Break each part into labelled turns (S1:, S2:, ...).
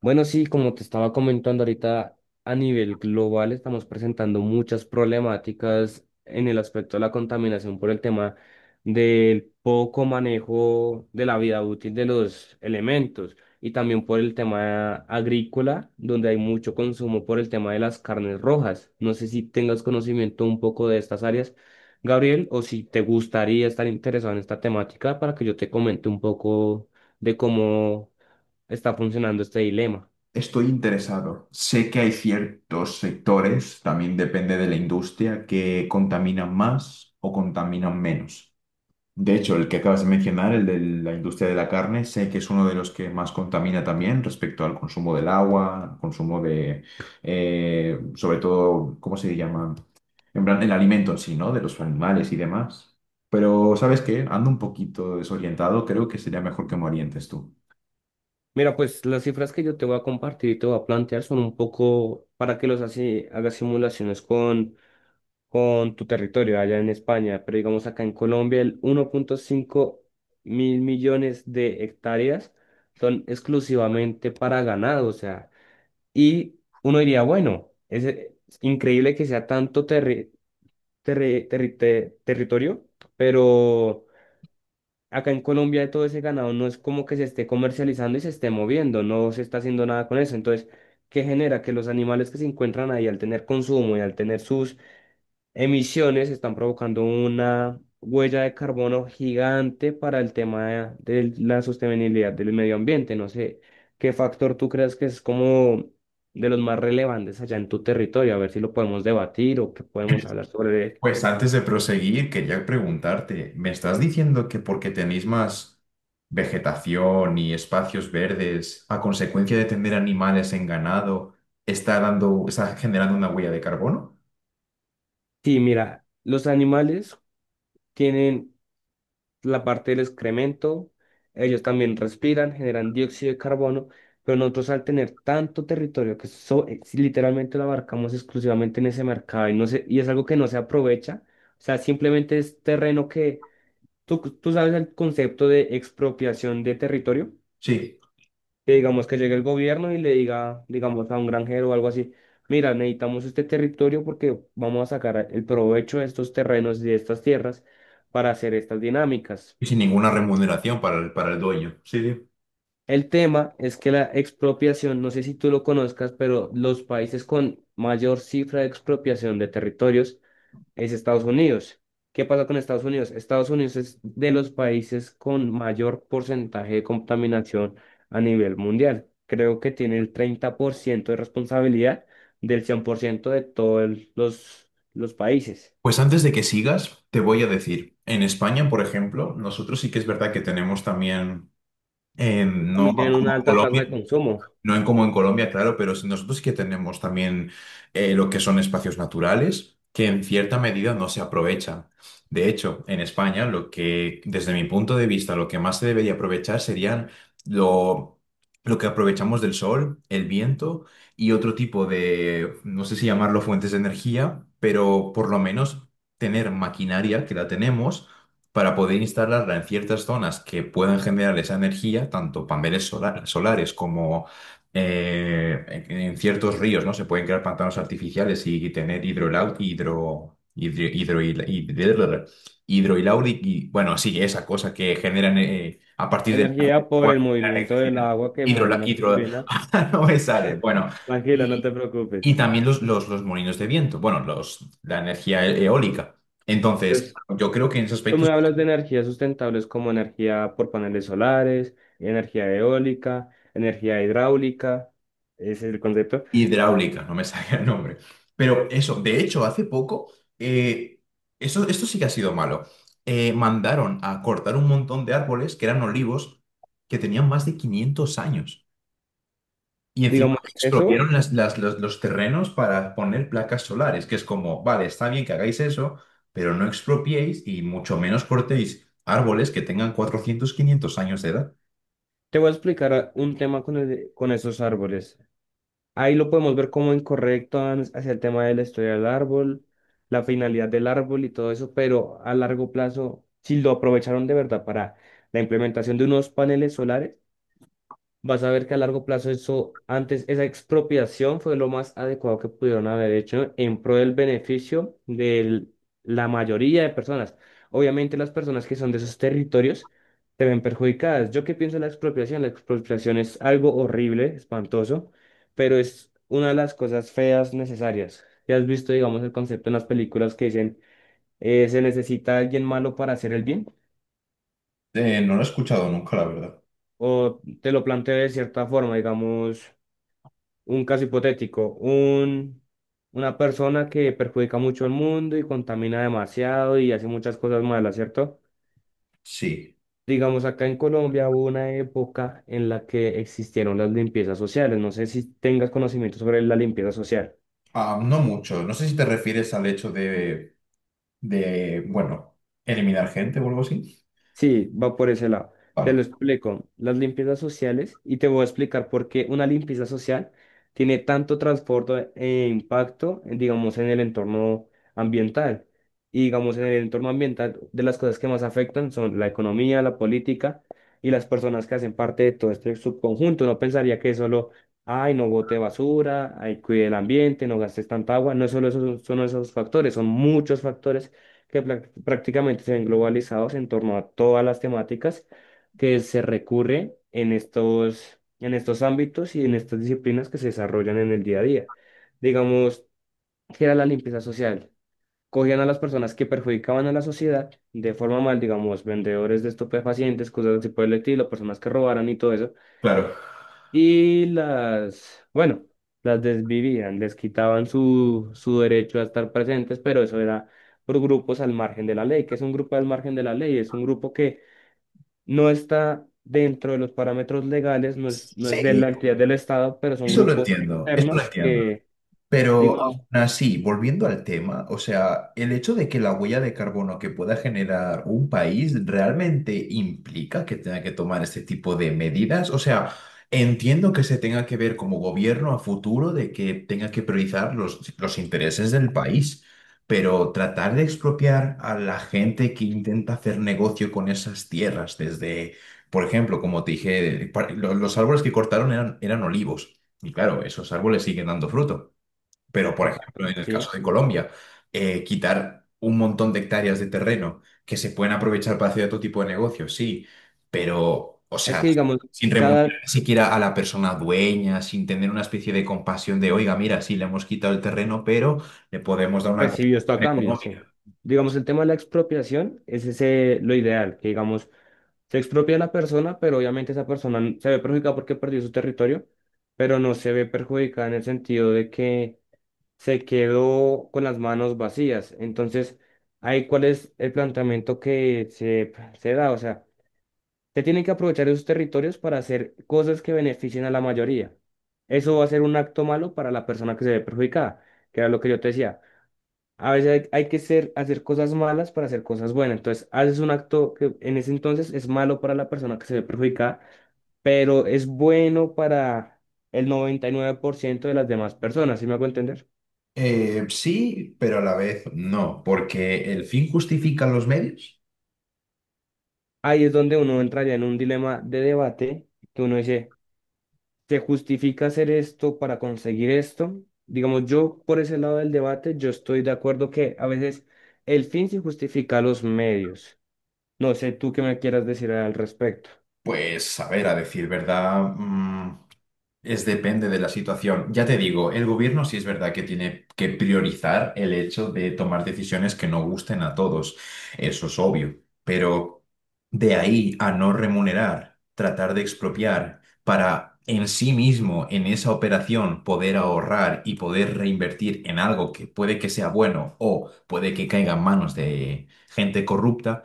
S1: Bueno, sí, como te estaba comentando ahorita, a nivel global estamos presentando muchas problemáticas en el aspecto de la contaminación por el tema del poco manejo de la vida útil de los elementos y también por el tema agrícola, donde hay mucho consumo por el tema de las carnes rojas. No sé si tengas conocimiento un poco de estas áreas, Gabriel, o si te gustaría estar interesado en esta temática para que yo te comente un poco de cómo está funcionando este dilema.
S2: Estoy interesado. Sé que hay ciertos sectores, también depende de la industria, que contaminan más o contaminan menos. De hecho, el que acabas de mencionar, el de la industria de la carne, sé que es uno de los que más contamina también respecto al consumo del agua, consumo de, sobre todo, ¿cómo se llama? En plan, el alimento en sí, ¿no? De los animales y demás. Pero, ¿sabes qué? Ando un poquito desorientado, creo que sería mejor que me orientes tú.
S1: Mira, pues las cifras que yo te voy a compartir y te voy a plantear son un poco para que los así hagas simulaciones con tu territorio allá en España, pero digamos acá en Colombia el 1.500 millones de hectáreas son exclusivamente para ganado, o sea, y uno diría, bueno, es increíble que sea tanto territorio, pero acá en Colombia todo ese ganado no es como que se esté comercializando y se esté moviendo, no se está haciendo nada con eso. Entonces, ¿qué genera? Que los animales que se encuentran ahí al tener consumo y al tener sus emisiones están provocando una huella de carbono gigante para el tema de la sostenibilidad del medio ambiente. No sé, ¿qué factor tú crees que es como de los más relevantes allá en tu territorio? A ver si lo podemos debatir o que podemos hablar sobre él.
S2: Pues antes de proseguir, quería preguntarte, ¿me estás diciendo que porque tenéis más vegetación y espacios verdes, a consecuencia de tener animales en ganado, está generando una huella de carbono?
S1: Sí, mira, los animales tienen la parte del excremento, ellos también respiran, generan dióxido de carbono, pero nosotros al tener tanto territorio si literalmente lo abarcamos exclusivamente en ese mercado y es algo que no se aprovecha, o sea, simplemente es terreno que, tú sabes el concepto de expropiación de territorio,
S2: Sí,
S1: que digamos que llegue el gobierno y le diga, digamos, a un granjero o algo así. Mira, necesitamos este territorio porque vamos a sacar el provecho de estos terrenos y de estas tierras para hacer estas dinámicas.
S2: y sin ninguna remuneración para el dueño. Sí, sí.
S1: El tema es que la expropiación, no sé si tú lo conozcas, pero los países con mayor cifra de expropiación de territorios es Estados Unidos. ¿Qué pasa con Estados Unidos? Estados Unidos es de los países con mayor porcentaje de contaminación a nivel mundial. Creo que tiene el 30% de responsabilidad del 100% de todos los países.
S2: Pues antes de que sigas, te voy a decir, en España, por ejemplo, nosotros sí que es verdad que tenemos también, no
S1: También tienen
S2: como
S1: una alta tasa
S2: Colombia.
S1: de consumo.
S2: No en como en Colombia, claro, nosotros sí que tenemos también lo que son espacios naturales que en cierta medida no se aprovechan. De hecho, en España, lo que, desde mi punto de vista, lo que más se debería aprovechar serían lo, lo que aprovechamos del sol, el viento y otro tipo de, no sé si llamarlo fuentes de energía, pero por lo menos tener maquinaria que la tenemos para poder instalarla en ciertas zonas que puedan generar esa energía, tanto paneles solares como en ciertos ríos, ¿no? Se pueden crear pantanos artificiales y tener hidro, hidro- y, bueno, sí, esa cosa que generan a partir del
S1: Energía por
S2: agua,
S1: el
S2: generan
S1: movimiento del
S2: electricidad.
S1: agua que mueve
S2: Hidrola-
S1: una
S2: hidro,
S1: turbina.
S2: no me sale. Bueno,
S1: Tranquilo, no te
S2: y, y
S1: preocupes.
S2: también los molinos de viento, bueno, la energía eólica. Entonces,
S1: Entonces,
S2: yo creo que en esos
S1: tú
S2: aspectos.
S1: me hablas de energías sustentables como energía por paneles solares, energía eólica, energía hidráulica, ese es el concepto.
S2: Hidráulica, no me sale el nombre. Pero eso, de hecho, hace poco, eh, esto sí que ha sido malo. Mandaron a cortar un montón de árboles que eran olivos que tenían más de 500 años. Y encima
S1: Digamos, eso
S2: expropiaron los terrenos para poner placas solares, que es como, vale, está bien que hagáis eso, pero no expropiéis y mucho menos cortéis árboles que tengan 400 500 años de edad.
S1: te voy a explicar un tema con esos árboles. Ahí lo podemos ver como incorrecto hacia el tema de la historia del árbol, la finalidad del árbol y todo eso, pero a largo plazo, si lo aprovecharon de verdad para la implementación de unos paneles solares, vas a ver que a largo plazo eso, antes, esa expropiación fue lo más adecuado que pudieron haber hecho en pro del beneficio de la mayoría de personas. Obviamente las personas que son de esos territorios se ven perjudicadas. ¿Yo qué pienso de la expropiación? La expropiación es algo horrible, espantoso, pero es una de las cosas feas necesarias. ¿Ya has visto, digamos, el concepto en las películas que dicen se necesita alguien malo para hacer el bien?
S2: No lo he escuchado nunca, la verdad.
S1: O te lo planteo de cierta forma, digamos. Un caso hipotético, una persona que perjudica mucho al mundo y contamina demasiado y hace muchas cosas malas, ¿cierto?
S2: Sí.
S1: Digamos, acá en Colombia hubo una época en la que existieron las limpiezas sociales. No sé si tengas conocimiento sobre la limpieza social.
S2: Ah, no mucho. No sé si te refieres al hecho de, bueno, eliminar gente o algo así.
S1: Sí, va por ese lado. Te lo
S2: Vale,
S1: explico. Las limpiezas sociales, y te voy a explicar por qué una limpieza social tiene tanto transporte e impacto, digamos, en el entorno ambiental. Y digamos, en el entorno ambiental, de las cosas que más afectan son la economía, la política y las personas que hacen parte de todo este subconjunto. No pensaría que es solo, ay, no bote basura, ay, cuide el ambiente, no gastes tanta agua. No es solo esos, son esos factores, son muchos factores que prácticamente se ven globalizados en torno a todas las temáticas que se recurre en estos ámbitos y en estas disciplinas que se desarrollan en el día a día. Digamos, ¿que era la limpieza social? Cogían a las personas que perjudicaban a la sociedad de forma mal, digamos, vendedores de estupefacientes, cosas así por el estilo, personas que robaran y todo eso
S2: claro.
S1: y las, bueno, las desvivían, les quitaban su derecho a estar presentes, pero eso era por grupos al margen de la ley. ¿Que es un grupo al margen de la ley? Es un grupo que no está dentro de los parámetros legales, no es de la
S2: Sí,
S1: actividad del Estado, pero son
S2: eso lo
S1: grupos
S2: entiendo, eso lo
S1: externos
S2: entiendo.
S1: que,
S2: Pero
S1: digamos,
S2: aún así, volviendo al tema, o sea, el hecho de que la huella de carbono que pueda generar un país realmente implica que tenga que tomar este tipo de medidas. O sea, entiendo que se tenga que ver como gobierno a futuro de que tenga que priorizar los intereses del país, pero tratar de expropiar a la gente que intenta hacer negocio con esas tierras, desde, por ejemplo, como te dije, los árboles que cortaron eran olivos. Y claro, esos árboles siguen dando fruto. Pero, por ejemplo,
S1: exacto,
S2: en el caso
S1: sí.
S2: de Colombia, quitar un montón de hectáreas de terreno que se pueden aprovechar para hacer otro tipo de negocios, sí, pero, o
S1: Es
S2: sea,
S1: que, digamos,
S2: sin remunerar
S1: cada
S2: ni siquiera a la persona dueña, sin tener una especie de compasión de, oiga, mira, sí, le hemos quitado el terreno, pero le podemos dar una
S1: recibió esto a
S2: compensación
S1: cambio, sí.
S2: económica.
S1: Digamos, el tema de la expropiación es ese lo ideal, que digamos, se expropia a la persona, pero obviamente esa persona se ve perjudicada porque perdió su territorio, pero no se ve perjudicada en el sentido de que se quedó con las manos vacías. Entonces, ¿ahí cuál es el planteamiento que se da? O sea, se tienen que aprovechar esos territorios para hacer cosas que beneficien a la mayoría. Eso va a ser un acto malo para la persona que se ve perjudicada, que era lo que yo te decía. A veces hay que hacer cosas malas para hacer cosas buenas. Entonces, haces un acto que en ese entonces es malo para la persona que se ve perjudicada, pero es bueno para el 99% de las demás personas, ¿sí me hago entender?
S2: Sí, pero a la vez no, porque el fin justifica los medios.
S1: Ahí es donde uno entraría en un dilema de debate, que uno dice, ¿se justifica hacer esto para conseguir esto? Digamos, yo por ese lado del debate, yo estoy de acuerdo que a veces el fin se justifica a los medios. No sé tú qué me quieras decir al respecto.
S2: Pues, a ver, a decir verdad. Es depende de la situación. Ya te digo, el gobierno sí es verdad que tiene que priorizar el hecho de tomar decisiones que no gusten a todos. Eso es obvio. Pero de ahí a no remunerar, tratar de expropiar para en sí mismo, en esa operación, poder ahorrar y poder reinvertir en algo que puede que sea bueno o puede que caiga en manos de gente corrupta.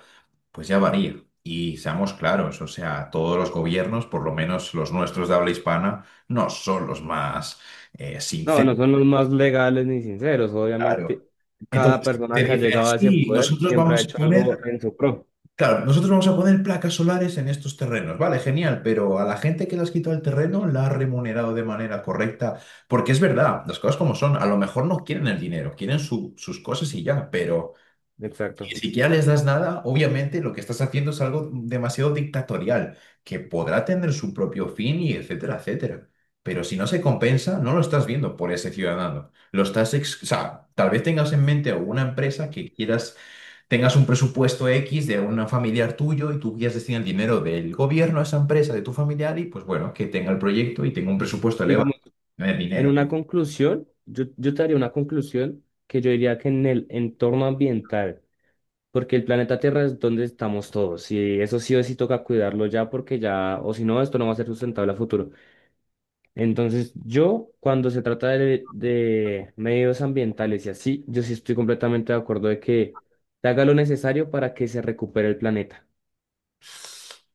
S2: Pues ya varía. Y seamos claros, o sea, todos los gobiernos, por lo menos los nuestros de habla hispana, no son los más
S1: No,
S2: sinceros.
S1: no son los más legales ni sinceros.
S2: Claro.
S1: Obviamente, cada
S2: Entonces,
S1: persona
S2: te
S1: que ha
S2: dicen,
S1: llegado a ese
S2: sí,
S1: poder
S2: nosotros
S1: siempre ha
S2: vamos a
S1: hecho
S2: poner,
S1: algo en su pro.
S2: claro, nosotros vamos a poner placas solares en estos terrenos. Vale, genial, pero a la gente que le has quitado el terreno la ha remunerado de manera correcta. Porque es verdad, las cosas como son, a lo mejor no quieren el dinero, quieren sus cosas y ya, pero,
S1: Exacto.
S2: ni siquiera les das nada, obviamente lo que estás haciendo es algo demasiado dictatorial, que podrá tener su propio fin y etcétera, etcétera. Pero si no se compensa, no lo estás viendo por ese ciudadano. O sea, tal vez tengas en mente alguna empresa que quieras, tengas un presupuesto X de un familiar tuyo y tú quieras destinar el dinero del gobierno a esa empresa, de tu familiar, y pues bueno, que tenga el proyecto y tenga un presupuesto elevado,
S1: Digamos,
S2: no es
S1: en
S2: dinero.
S1: una conclusión, yo te haría una conclusión que yo diría que en el entorno ambiental, porque el planeta Tierra es donde estamos todos, y eso sí o sí toca cuidarlo ya, porque ya, o si no, esto no va a ser sustentable a futuro. Entonces, yo, cuando se trata de medios ambientales y así, yo sí estoy completamente de acuerdo de que se haga lo necesario para que se recupere el planeta.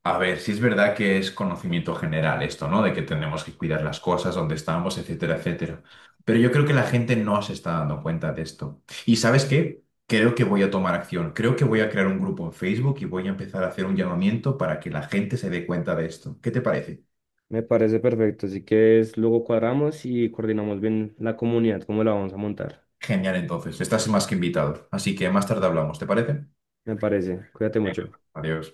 S2: A ver, si es verdad que es conocimiento general esto, ¿no? De que tenemos que cuidar las cosas, dónde estamos, etcétera, etcétera. Pero yo creo que la gente no se está dando cuenta de esto. ¿Y sabes qué? Creo que voy a tomar acción. Creo que voy a crear un grupo en Facebook y voy a empezar a hacer un llamamiento para que la gente se dé cuenta de esto. ¿Qué te parece?
S1: Me parece perfecto. Así que es, luego cuadramos y coordinamos bien la comunidad, cómo la vamos a montar.
S2: Genial, entonces. Estás más que invitado. Así que más tarde hablamos, ¿te parece?
S1: Me parece. Cuídate mucho.
S2: Adiós.